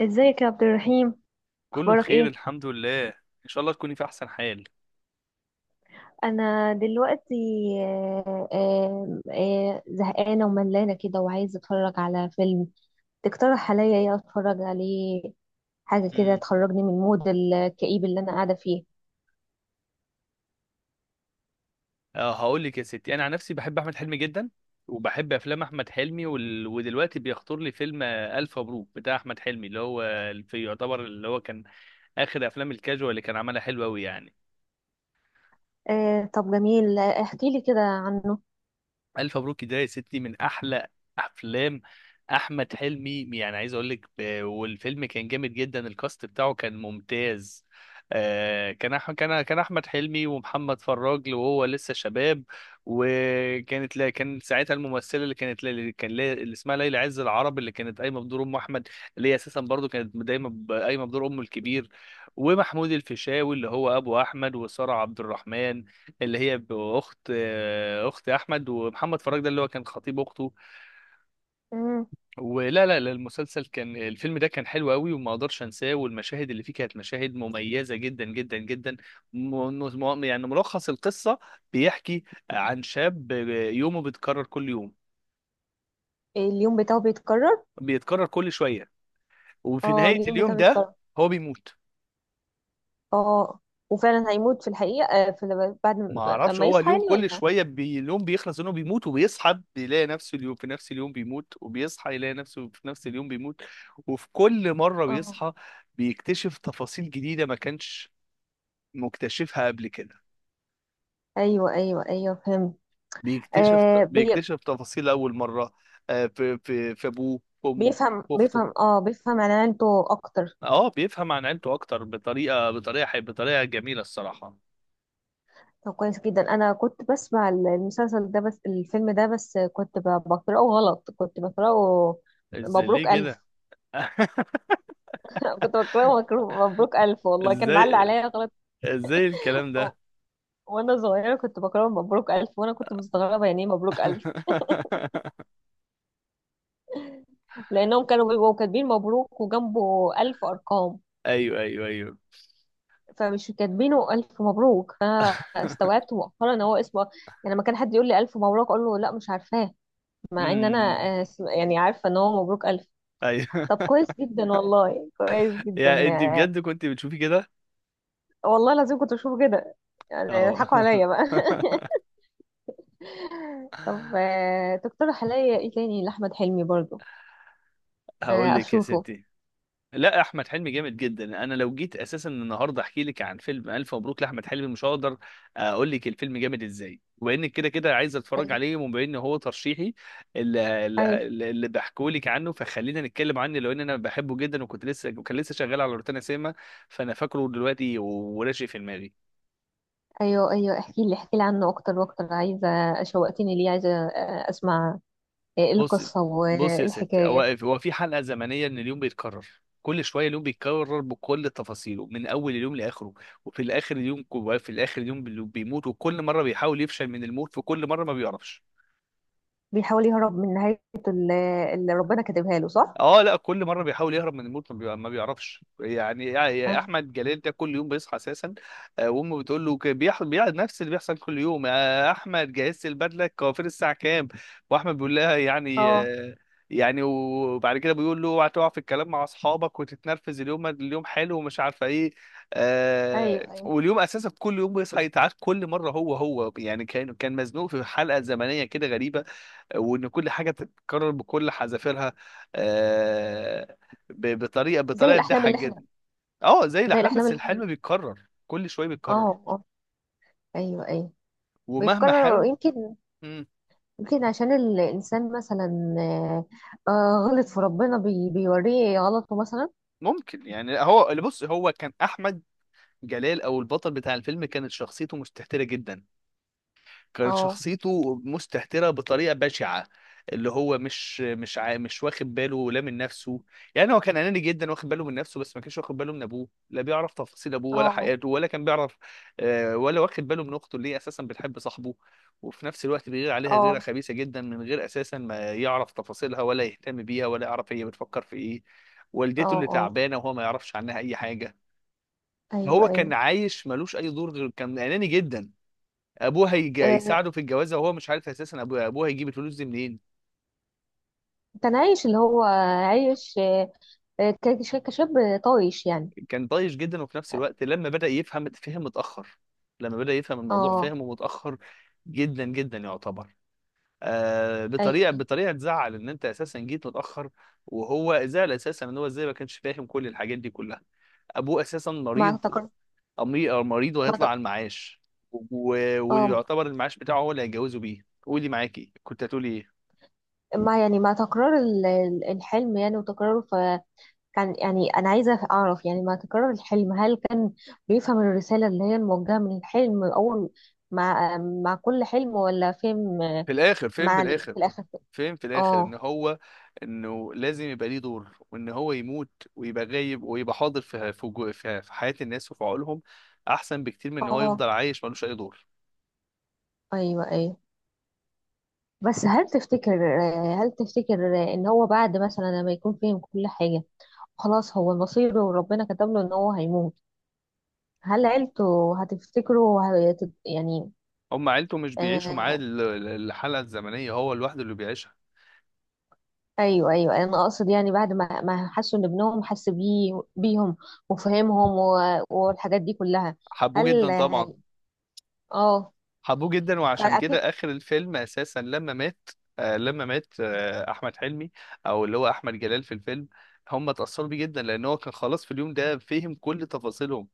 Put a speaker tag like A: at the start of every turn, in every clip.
A: ازيك يا عبد الرحيم؟
B: كله
A: اخبارك
B: بخير
A: ايه؟
B: الحمد لله ان شاء الله تكوني في احسن حال.
A: انا دلوقتي زهقانه وملانه كده وعايزه اتفرج على فيلم. تقترح عليا ايه اتفرج عليه؟ حاجه كده
B: امم
A: تخرجني من المود الكئيب اللي انا قاعده فيه.
B: اه، هقول لك يا ستي، انا عن نفسي بحب احمد حلمي جدا وبحب افلام احمد حلمي ودلوقتي بيخطر لي فيلم الف مبروك بتاع احمد حلمي، اللي هو يعتبر اللي هو كان اخر افلام الكاجوال اللي كان عملها، حلوه قوي يعني.
A: طب جميل، احكي لي كده عنه.
B: الف مبروك ده يا ستي من احلى افلام احمد حلمي. يعني عايز اقول لك والفيلم كان جامد جدا، الكاست بتاعه كان ممتاز. آه، كان أح كان كان احمد حلمي ومحمد فراج وهو لسه شباب، وكانت لا كان ساعتها الممثله اللي كانت لا- اللي كان لا- اللي اسمها ليلى عز العرب، اللي كانت قايمه بدور ام احمد، اللي هي اساسا برضو كانت دايما قايمه بدور امه الكبير. ومحمود الفيشاوي اللي هو ابو احمد، وساره عبد الرحمن اللي هي باخت آه، اخت احمد، ومحمد فراج ده اللي هو كان خطيب اخته.
A: مم.
B: ولا لا لا المسلسل كان الفيلم ده كان حلو قوي وما اقدرش انساه، والمشاهد اللي فيه كانت مشاهد مميزه جدا جدا جدا. م- يعني ملخص القصه بيحكي عن شاب يومه بيتكرر كل يوم،
A: اليوم بتاعه بيتكرر؟
B: بيتكرر كل شويه، وفي
A: اه،
B: نهايه
A: اليوم
B: اليوم
A: بتاعه
B: ده
A: بيتكرر.
B: هو بيموت.
A: اه، وفعلا هيموت في الحقيقه، في بعد
B: ما
A: ما
B: اعرفش،
A: ما
B: هو
A: يصحى
B: اليوم
A: يعني،
B: كل
A: ولا؟
B: شويه اليوم بيخلص انه بيموت وبيصحى، بيلاقي نفسه اليوم في نفس اليوم بيموت وبيصحى يلاقي نفسه في نفس اليوم بيموت، وفي كل مره
A: اه،
B: بيصحى بيكتشف تفاصيل جديده ما كانش مكتشفها قبل كده.
A: ايوه ايوه ايوه، فهمت.
B: بيكتشف
A: آه
B: بيكتشف تفاصيل اول مره في ابوه، في امه،
A: بيفهم
B: في اخته.
A: بيفهم اه بيفهم عنانته اكتر.
B: اه بيفهم عن عيلته اكتر، بطريقه جميله الصراحه.
A: طب كويس جدا، انا كنت بسمع المسلسل ده بس الفيلم ده، بس كنت بقراه غلط، كنت بقراه
B: ازاي؟
A: مبروك
B: ليه
A: الف.
B: كده؟
A: كنت بقراه مبروك الف، والله كان معلق
B: ازاي،
A: عليا غلط.
B: الكلام
A: و-
B: ده؟
A: وانا صغيره كنت بقراه مبروك الف، وانا كنت مستغربه يعني ايه مبروك الف، لانهم كانوا بيبقوا كاتبين مبروك وجنبه الف ارقام،
B: ايوه ايوه ايوه.
A: فمش كاتبينه الف مبروك، فاستوعبت مؤخرا ان هو اسمه. يعني لما كان حد يقول لي الف مبروك اقول له لا، مش عارفاه. مع ان انا
B: امم.
A: يعني عارفه ان هو مبروك الف.
B: ايوه.
A: طب كويس جدا والله، كويس جدا.
B: يا انت
A: آه،
B: بجد كنت بتشوفي كده؟
A: والله العظيم كنت بشوفه كده، يعني
B: اه.
A: يضحكوا عليا بقى. طب، تقترح عليا ايه تاني لاحمد حلمي برضو،
B: هقول لك يا
A: اشوفه؟
B: ستي، لا احمد حلمي جامد جدا. انا لو جيت اساسا النهارده احكي لك عن فيلم الف مبروك لاحمد حلمي مش هقدر اقول لك الفيلم جامد ازاي، وانك كده كده عايز اتفرج
A: ايوه
B: عليه وبما ان هو ترشيحي
A: ايوه
B: اللي بحكوا لك عنه، فخلينا نتكلم عنه، لو ان انا بحبه جدا. وكنت لسه وكان لسه شغال على روتانا سينما، فانا فاكره دلوقتي وراشق في دماغي.
A: ايوه ايوه، احكي لي احكي لي عنه اكتر واكتر، عايزه. شوقتني ليه، عايزه اسمع. إيه
B: بص
A: القصه
B: بص يا ستي، هو
A: والحكايه؟
B: هو في حلقه زمنيه ان اليوم بيتكرر كل شويه، اليوم بيتكرر بكل تفاصيله من اول اليوم لاخره، وفي الاخر اليوم بيموت، وكل مره بيحاول يفشل من الموت، في كل مره ما بيعرفش.
A: بيحاول يهرب من نهايته، اللي اللي ربنا كاتبها له، صح؟
B: اه لا، كل مره بيحاول يهرب من الموت ما بيعرفش. يعني يا
A: ايوه.
B: احمد جلال ده كل يوم بيصحى اساسا، وامه بتقول له بيقعد نفس اللي بيحصل كل يوم: يا احمد جهزت البدله، الكوافير الساعه كام؟ واحمد بيقول لها يعني
A: اه،
B: يعني. وبعد كده بيقول له اوعى تقع في الكلام مع اصحابك وتتنرفز، اليوم اليوم حلو ومش عارفه ايه. آه
A: ايوه ايوه.
B: واليوم اساسا كل يوم بيصحى يتعاد كل مره، هو يعني كان مزنوق في حلقه زمنيه كده غريبه، وان كل حاجه تتكرر بكل حذافيرها، آه،
A: زي
B: بطريقه
A: الاحلام
B: تضحك
A: اللي
B: جدا.
A: احنا،
B: اه زي
A: زي
B: الاحلام،
A: الاحلام
B: بس
A: اللي احنا.
B: الحلم بيتكرر كل شويه بيتكرر.
A: اه اه، ايوه ايوه،
B: ومهما
A: بيتكرر
B: حاول.
A: يمكن.
B: مم،
A: يمكن عشان الانسان مثلا آه، غلط في ربنا، بيوريه غلطه مثلا.
B: ممكن يعني هو اللي هو كان احمد جلال او البطل بتاع الفيلم كانت شخصيته مستهترة جدا، كان
A: اه
B: شخصيته مستهترة بطريقة بشعة، اللي هو مش واخد باله لا من نفسه. يعني هو كان أناني جدا، واخد باله من نفسه بس ما كانش واخد باله من أبوه، لا بيعرف تفاصيل أبوه ولا
A: اه
B: حياته ولا كان بيعرف، ولا واخد باله من أخته اللي هي أساسا بتحب صاحبه، وفي نفس الوقت بيغير عليها غيرة
A: اه
B: خبيثة جدا من غير أساسا ما يعرف تفاصيلها، ولا يهتم بيها، ولا يعرف هي بتفكر في إيه.
A: اه
B: والدته اللي
A: اه،
B: تعبانة وهو ما يعرفش عنها أي حاجة.
A: ايوه
B: هو كان
A: ايوه.
B: عايش ملوش أي دور، غير كان أناني جدا.
A: آه،
B: هيساعده في الجوازه وهو مش عارف اساسا ابوه هيجيب الفلوس دي منين.
A: كان عايش اللي هو عايش، كشاب طايش يعني.
B: كان طايش جدا، وفي نفس الوقت لما بدا يفهم فهم متاخر، لما بدا يفهم الموضوع
A: اه
B: فهمه متاخر جدا جدا يعتبر،
A: ايوه،
B: بطريقه
A: أيوة.
B: تزعل ان انت اساسا جيت متاخر. وهو زعل اساسا ان هو ازاي ما كانش فاهم كل الحاجات دي كلها. ابوه اساسا
A: مع
B: مريض،
A: تكرار،
B: أمي... أو مريض
A: مع
B: وهيطلع
A: تك...
B: على المعاش
A: اه،
B: ويعتبر المعاش بتاعه هو اللي هيتجوزه بيه. قولي معاكي، كنت هتقولي ايه؟
A: مع يعني، مع تكرار الحلم يعني وتكراره. كان يعني أنا عايزة أعرف، يعني ما تكرر الحلم، هل كان بيفهم الرسالة اللي هي الموجهة من الحلم، أول مع كل حلم، ولا فهم
B: في الاخر
A: في الآخر؟
B: فهم في الاخر ان
A: اه
B: هو انه لازم يبقى ليه دور، وان هو يموت ويبقى غايب ويبقى حاضر في في جو- في في حياة الناس وفي عقولهم، احسن بكتير من ان هو
A: اه،
B: يفضل عايش ملوش اي دور.
A: أيوه أيوه. بس هل تفتكر، هل تفتكر إن هو بعد مثلا لما يكون فهم كل حاجة، خلاص هو مصيره وربنا كتب له إن هو هيموت، هل عيلته هتفتكره يعني
B: هم عيلته مش بيعيشوا معاه
A: آه،
B: الحلقة الزمنية، هو لوحده اللي بيعيشها.
A: ايوه ايوه؟ انا اقصد يعني بعد ما حسوا ان ابنهم حس بيه بيهم، وفهمهم والحاجات دي كلها،
B: حبوه جدا
A: هل
B: طبعا.
A: هي- اه
B: حبوه جدا، وعشان كده
A: فاكيد.
B: اخر الفيلم اساسا لما مات، آه لما مات آه احمد حلمي او اللي هو احمد جلال في الفيلم، هم اتأثروا بيه جدا لان هو كان خلاص في اليوم ده فهم كل تفاصيلهم.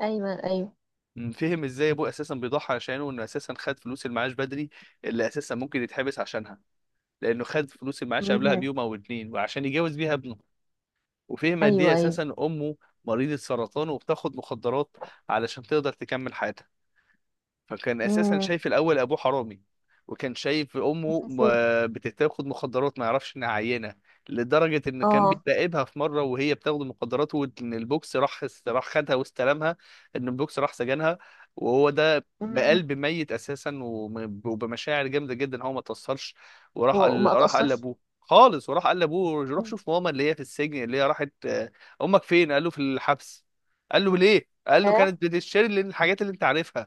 A: ايوه ايوه،
B: مم. فهم ازاي ابوه اساسا بيضحي عشانه، انه اساسا خد فلوس المعاش بدري اللي اساسا ممكن يتحبس عشانها، لانه خد فلوس المعاش قبلها
A: مم.
B: بيوم او اتنين وعشان يجوز بيها ابنه. وفهم قد
A: ايوه
B: ايه
A: ايوه،
B: اساسا امه مريضة سرطان وبتاخد مخدرات علشان تقدر تكمل حياتها. فكان اساسا
A: مم.
B: شايف الاول ابوه حرامي، وكان شايف امه
A: بس-
B: بتاخد مخدرات ما يعرفش انها عينه، لدرجه ان كان
A: اه،
B: بيراقبها في مره وهي بتاخد المخدرات، وان البوكس راح خدها واستلمها، ان البوكس راح سجنها. وهو ده
A: مم.
B: بقلب ميت اساسا وبمشاعر جامده جدا هو ما توصلش. وراح قال
A: وما
B: راح قال
A: اتاثرش،
B: لابوه خالص، وراح قال لابوه روح
A: مم.
B: شوف ماما اللي هي في السجن، اللي هي راحت، امك فين؟ قال له في الحبس. قال له ليه؟ قال له
A: ياه،
B: كانت بتشتري الحاجات اللي انت عارفها.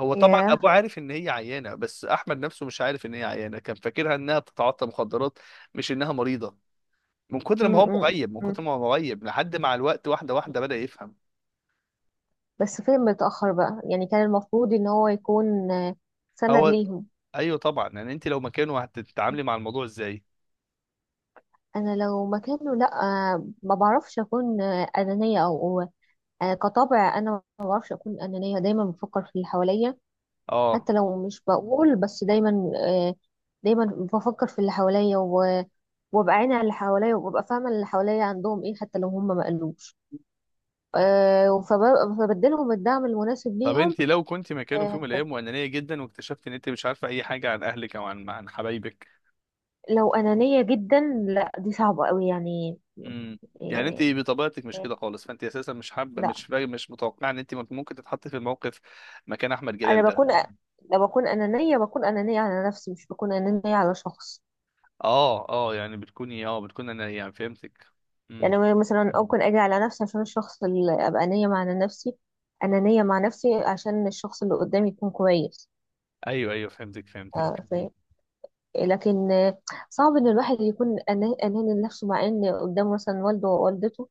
B: هو طبعا
A: ياه،
B: ابوه عارف ان هي عيانه، بس احمد نفسه مش عارف ان هي عيانه، كان فاكرها انها بتتعاطى مخدرات مش انها مريضه.
A: مم، مم،
B: من
A: مم.
B: كتر ما هو مغيب لحد مع الوقت، واحده واحده بدأ يفهم.
A: بس فين متاخر بقى، يعني كان المفروض ان هو يكون سند
B: هو
A: ليهم.
B: ايوه طبعا، يعني انت لو مكانه هتتعاملي مع الموضوع ازاي؟
A: انا لو مكانه، لا. ما بعرفش اكون انانيه، او كطبع انا، ما بعرفش اكون انانيه. دايما بفكر في اللي حواليا،
B: اه.
A: حتى لو مش بقول، بس دايما دايما بفكر في اللي حواليا وابقى عيني على اللي حواليا، وابقى فاهمه اللي حواليا عندهم ايه، حتى لو هم ما قالوش. فبديلهم الدعم المناسب
B: طب
A: ليهم.
B: انت لو كنت مكانه في يوم
A: آه،
B: من الايام وانانيه جدا، واكتشفت ان انت مش عارفه اي حاجه عن اهلك او عن حبايبك؟
A: لو انانيه جدا، لا دي صعبه قوي يعني.
B: امم يعني انت
A: آه،
B: بطبيعتك مش كده خالص، فانت اساسا مش حابه
A: لا،
B: مش متوقعه ان انت ممكن تتحطي في الموقف مكان احمد
A: انا
B: جلال ده.
A: بكون، لو بكون انانيه بكون انانيه على نفسي، مش بكون انانيه على شخص.
B: اه اه يعني بتكوني اه بتكون انا يعني فهمتك. امم
A: يعني مثلا ممكن اجي على نفسي عشان الشخص، اللي ابقى نية مع نفسي، انانية مع نفسي عشان الشخص اللي قدامي يكون كويس.
B: ايوه ايوه فهمتك فهمتك.
A: فاهم. لكن صعب ان الواحد يكون اناني لنفسه، مع ان قدامه مثلا والده ووالدته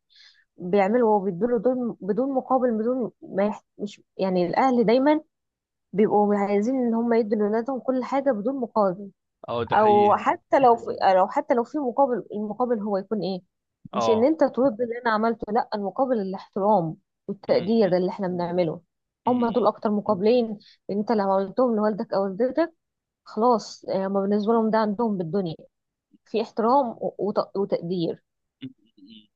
A: بيعملوا وبيدوله، دول بدون مقابل، بدون ما مش، يعني الاهل دايما بيبقوا عايزين ان هم يدوا لاولادهم كل حاجة بدون مقابل.
B: اه ده
A: او
B: حقيقي.
A: حتى لو في، لو حتى لو في مقابل، المقابل هو يكون ايه؟ مش ان
B: اه.
A: انت ترد اللي انا عملته، لا، المقابل الاحترام
B: امم
A: والتقدير اللي احنا بنعمله.
B: امم
A: هم
B: امم
A: دول اكتر مقابلين. انت لو عملتهم لوالدك او والدتك، خلاص، هم بالنسبه لهم ده عندهم بالدنيا، في احترام وتقدير.
B: امم امم.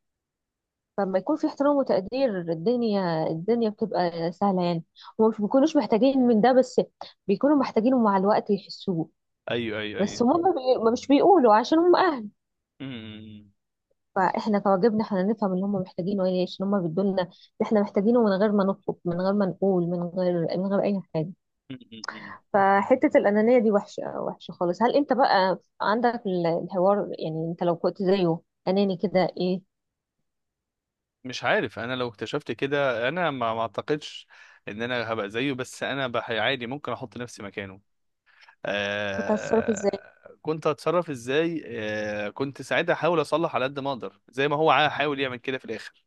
A: فلما يكون في احترام وتقدير، الدنيا بتبقى سهله يعني. هم مش بيكونوش محتاجين من ده بس، بيكونوا محتاجينه مع الوقت يحسوه.
B: ايوه ايوه
A: بس
B: ايوه.
A: هم ما بي- ما مش بيقولوا عشان هم اهل.
B: امم
A: فاحنا كواجبنا احنا نفهم اللي هم محتاجينه ايه، عشان هم بيدولنا اللي احنا محتاجينه، من غير ما نطلب، من غير ما نقول، من غير اي حاجه.
B: امم امم امم.
A: فحته الانانيه دي وحشه وحشه خالص. هل انت بقى عندك الحوار، يعني انت لو كنت زيه اناني كده، ايه
B: مش عارف، انا لو اكتشفت كده انا ما ما اعتقدش ان انا هبقى زيه، بس انا عادي ممكن احط نفسي مكانه.
A: كنت هتتصرف ازاي؟
B: آه كنت هتصرف ازاي؟ آه كنت ساعتها احاول اصلح على قد ما اقدر، زي ما هو حاول يعمل كده في الاخر.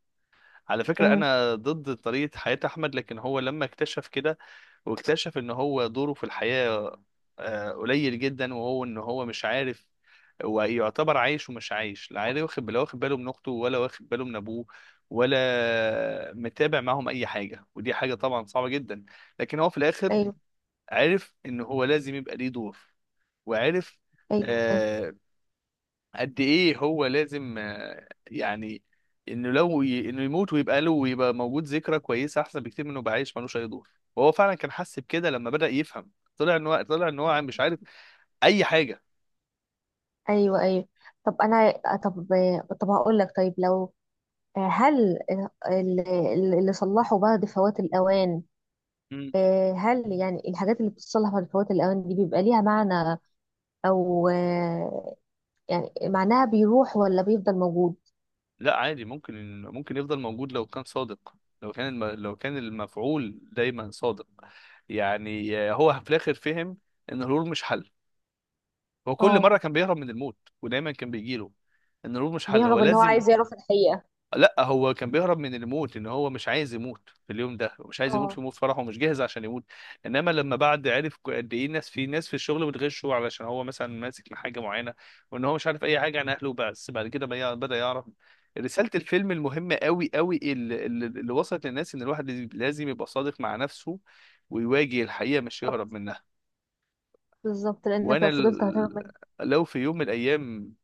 B: على فكرة
A: امم
B: أنا ضد طريقة حياة أحمد، لكن هو لما اكتشف كده واكتشف إن هو دوره في الحياة، قليل جدا، وهو إن هو مش عارف، ويعتبر عايش ومش عايش، لا عارف واخد لا واخد باله من أخته، ولا واخد باله من أبوه، ولا متابع معاهم أي حاجة، ودي حاجة طبعا صعبة جدا. لكن هو في الآخر
A: ايوه
B: عرف إن هو لازم يبقى ليه دور، وعرف
A: ايوه
B: قد ايه هو لازم انه انه يموت ويبقى له ويبقى موجود ذكرى كويسه، احسن بكتير منه يبقى عايش ملوش اي دور. وهو فعلا كان حس بكده لما بدأ يفهم، طلع ان هو مش عارف اي حاجه.
A: ايوه ايوه. طب انا، طب، طب هقول لك، طيب لو هل ال- اللي صلحوا بعد فوات الاوان،
B: مم.
A: هل يعني الحاجات اللي بتصلح بعد فوات الأوان دي بيبقى ليها معنى، او يعني معناها بيروح ولا بيفضل موجود؟
B: لا عادي، ممكن يفضل موجود لو كان صادق، لو كان المفعول دايما صادق. يعني هو في الاخر فهم ان الهروب مش حل. هو كل
A: اه،
B: مره كان بيهرب من الموت ودايما كان بيجيله. ان الهروب مش حل، هو
A: بيهرب، ان هو
B: لازم.
A: عايز يعرف الحقيقة.
B: لا هو كان بيهرب من الموت، ان هو مش عايز يموت في اليوم ده، مش عايز يموت
A: اه.
B: في موت فرحه ومش جاهز عشان يموت. انما لما بعد عرف قد ايه الناس، في ناس في الشغل بتغشه علشان هو مثلا ماسك لحاجه معينه، وان هو مش عارف اي حاجه عن اهله، بس بعد كده بدا يعرف. رساله الفيلم المهمه قوي قوي اللي وصلت للناس ان الواحد لازم يبقى صادق مع نفسه، ويواجه الحقيقه مش
A: طب
B: يهرب منها.
A: بالظبط، لانك
B: وانا
A: لو فضلت هتهرب
B: ال...
A: منه.
B: لو في يوم من الايام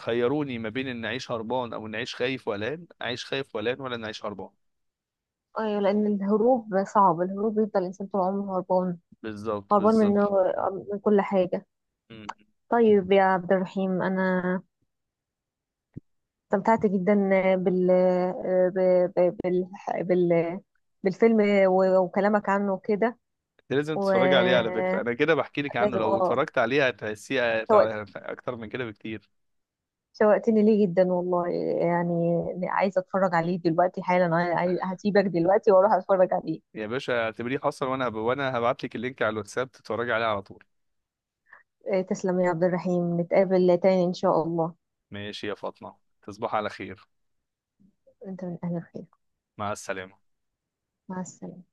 B: خيروني ما بين ان اعيش هربان او ان اعيش خايف وقلقان، اعيش خايف وقلقان ولا ان اعيش هربان.
A: ايوه لان الهروب صعب، الهروب بيفضل الانسان طول عمره هربان،
B: بالظبط
A: هربان من
B: بالظبط.
A: من كل حاجة.
B: مم.
A: طيب يا عبد الرحيم، انا استمتعت جدا بال ب- ب- بال بال بالفيلم وكلامك عنه كده.
B: انت لازم تتفرج عليه على فكرة،
A: ولازم،
B: انا كده بحكي لك عنه، لو اتفرجت عليه هتحسيه
A: اه،
B: اكتر من كده بكتير.
A: شوقتني ليه جدا والله، يعني عايزه اتفرج عليه دلوقتي حالا. انا هسيبك دلوقتي واروح اتفرج عليه.
B: يا باشا اعتبريه حصل، وانا هبعت لك اللينك على الواتساب تتفرجي عليه على طول.
A: إيه، تسلم يا عبد الرحيم، نتقابل تاني ان شاء الله.
B: ماشي يا فاطمة، تصبح على خير.
A: انت من اهل الخير،
B: مع السلامة.
A: مع السلامه.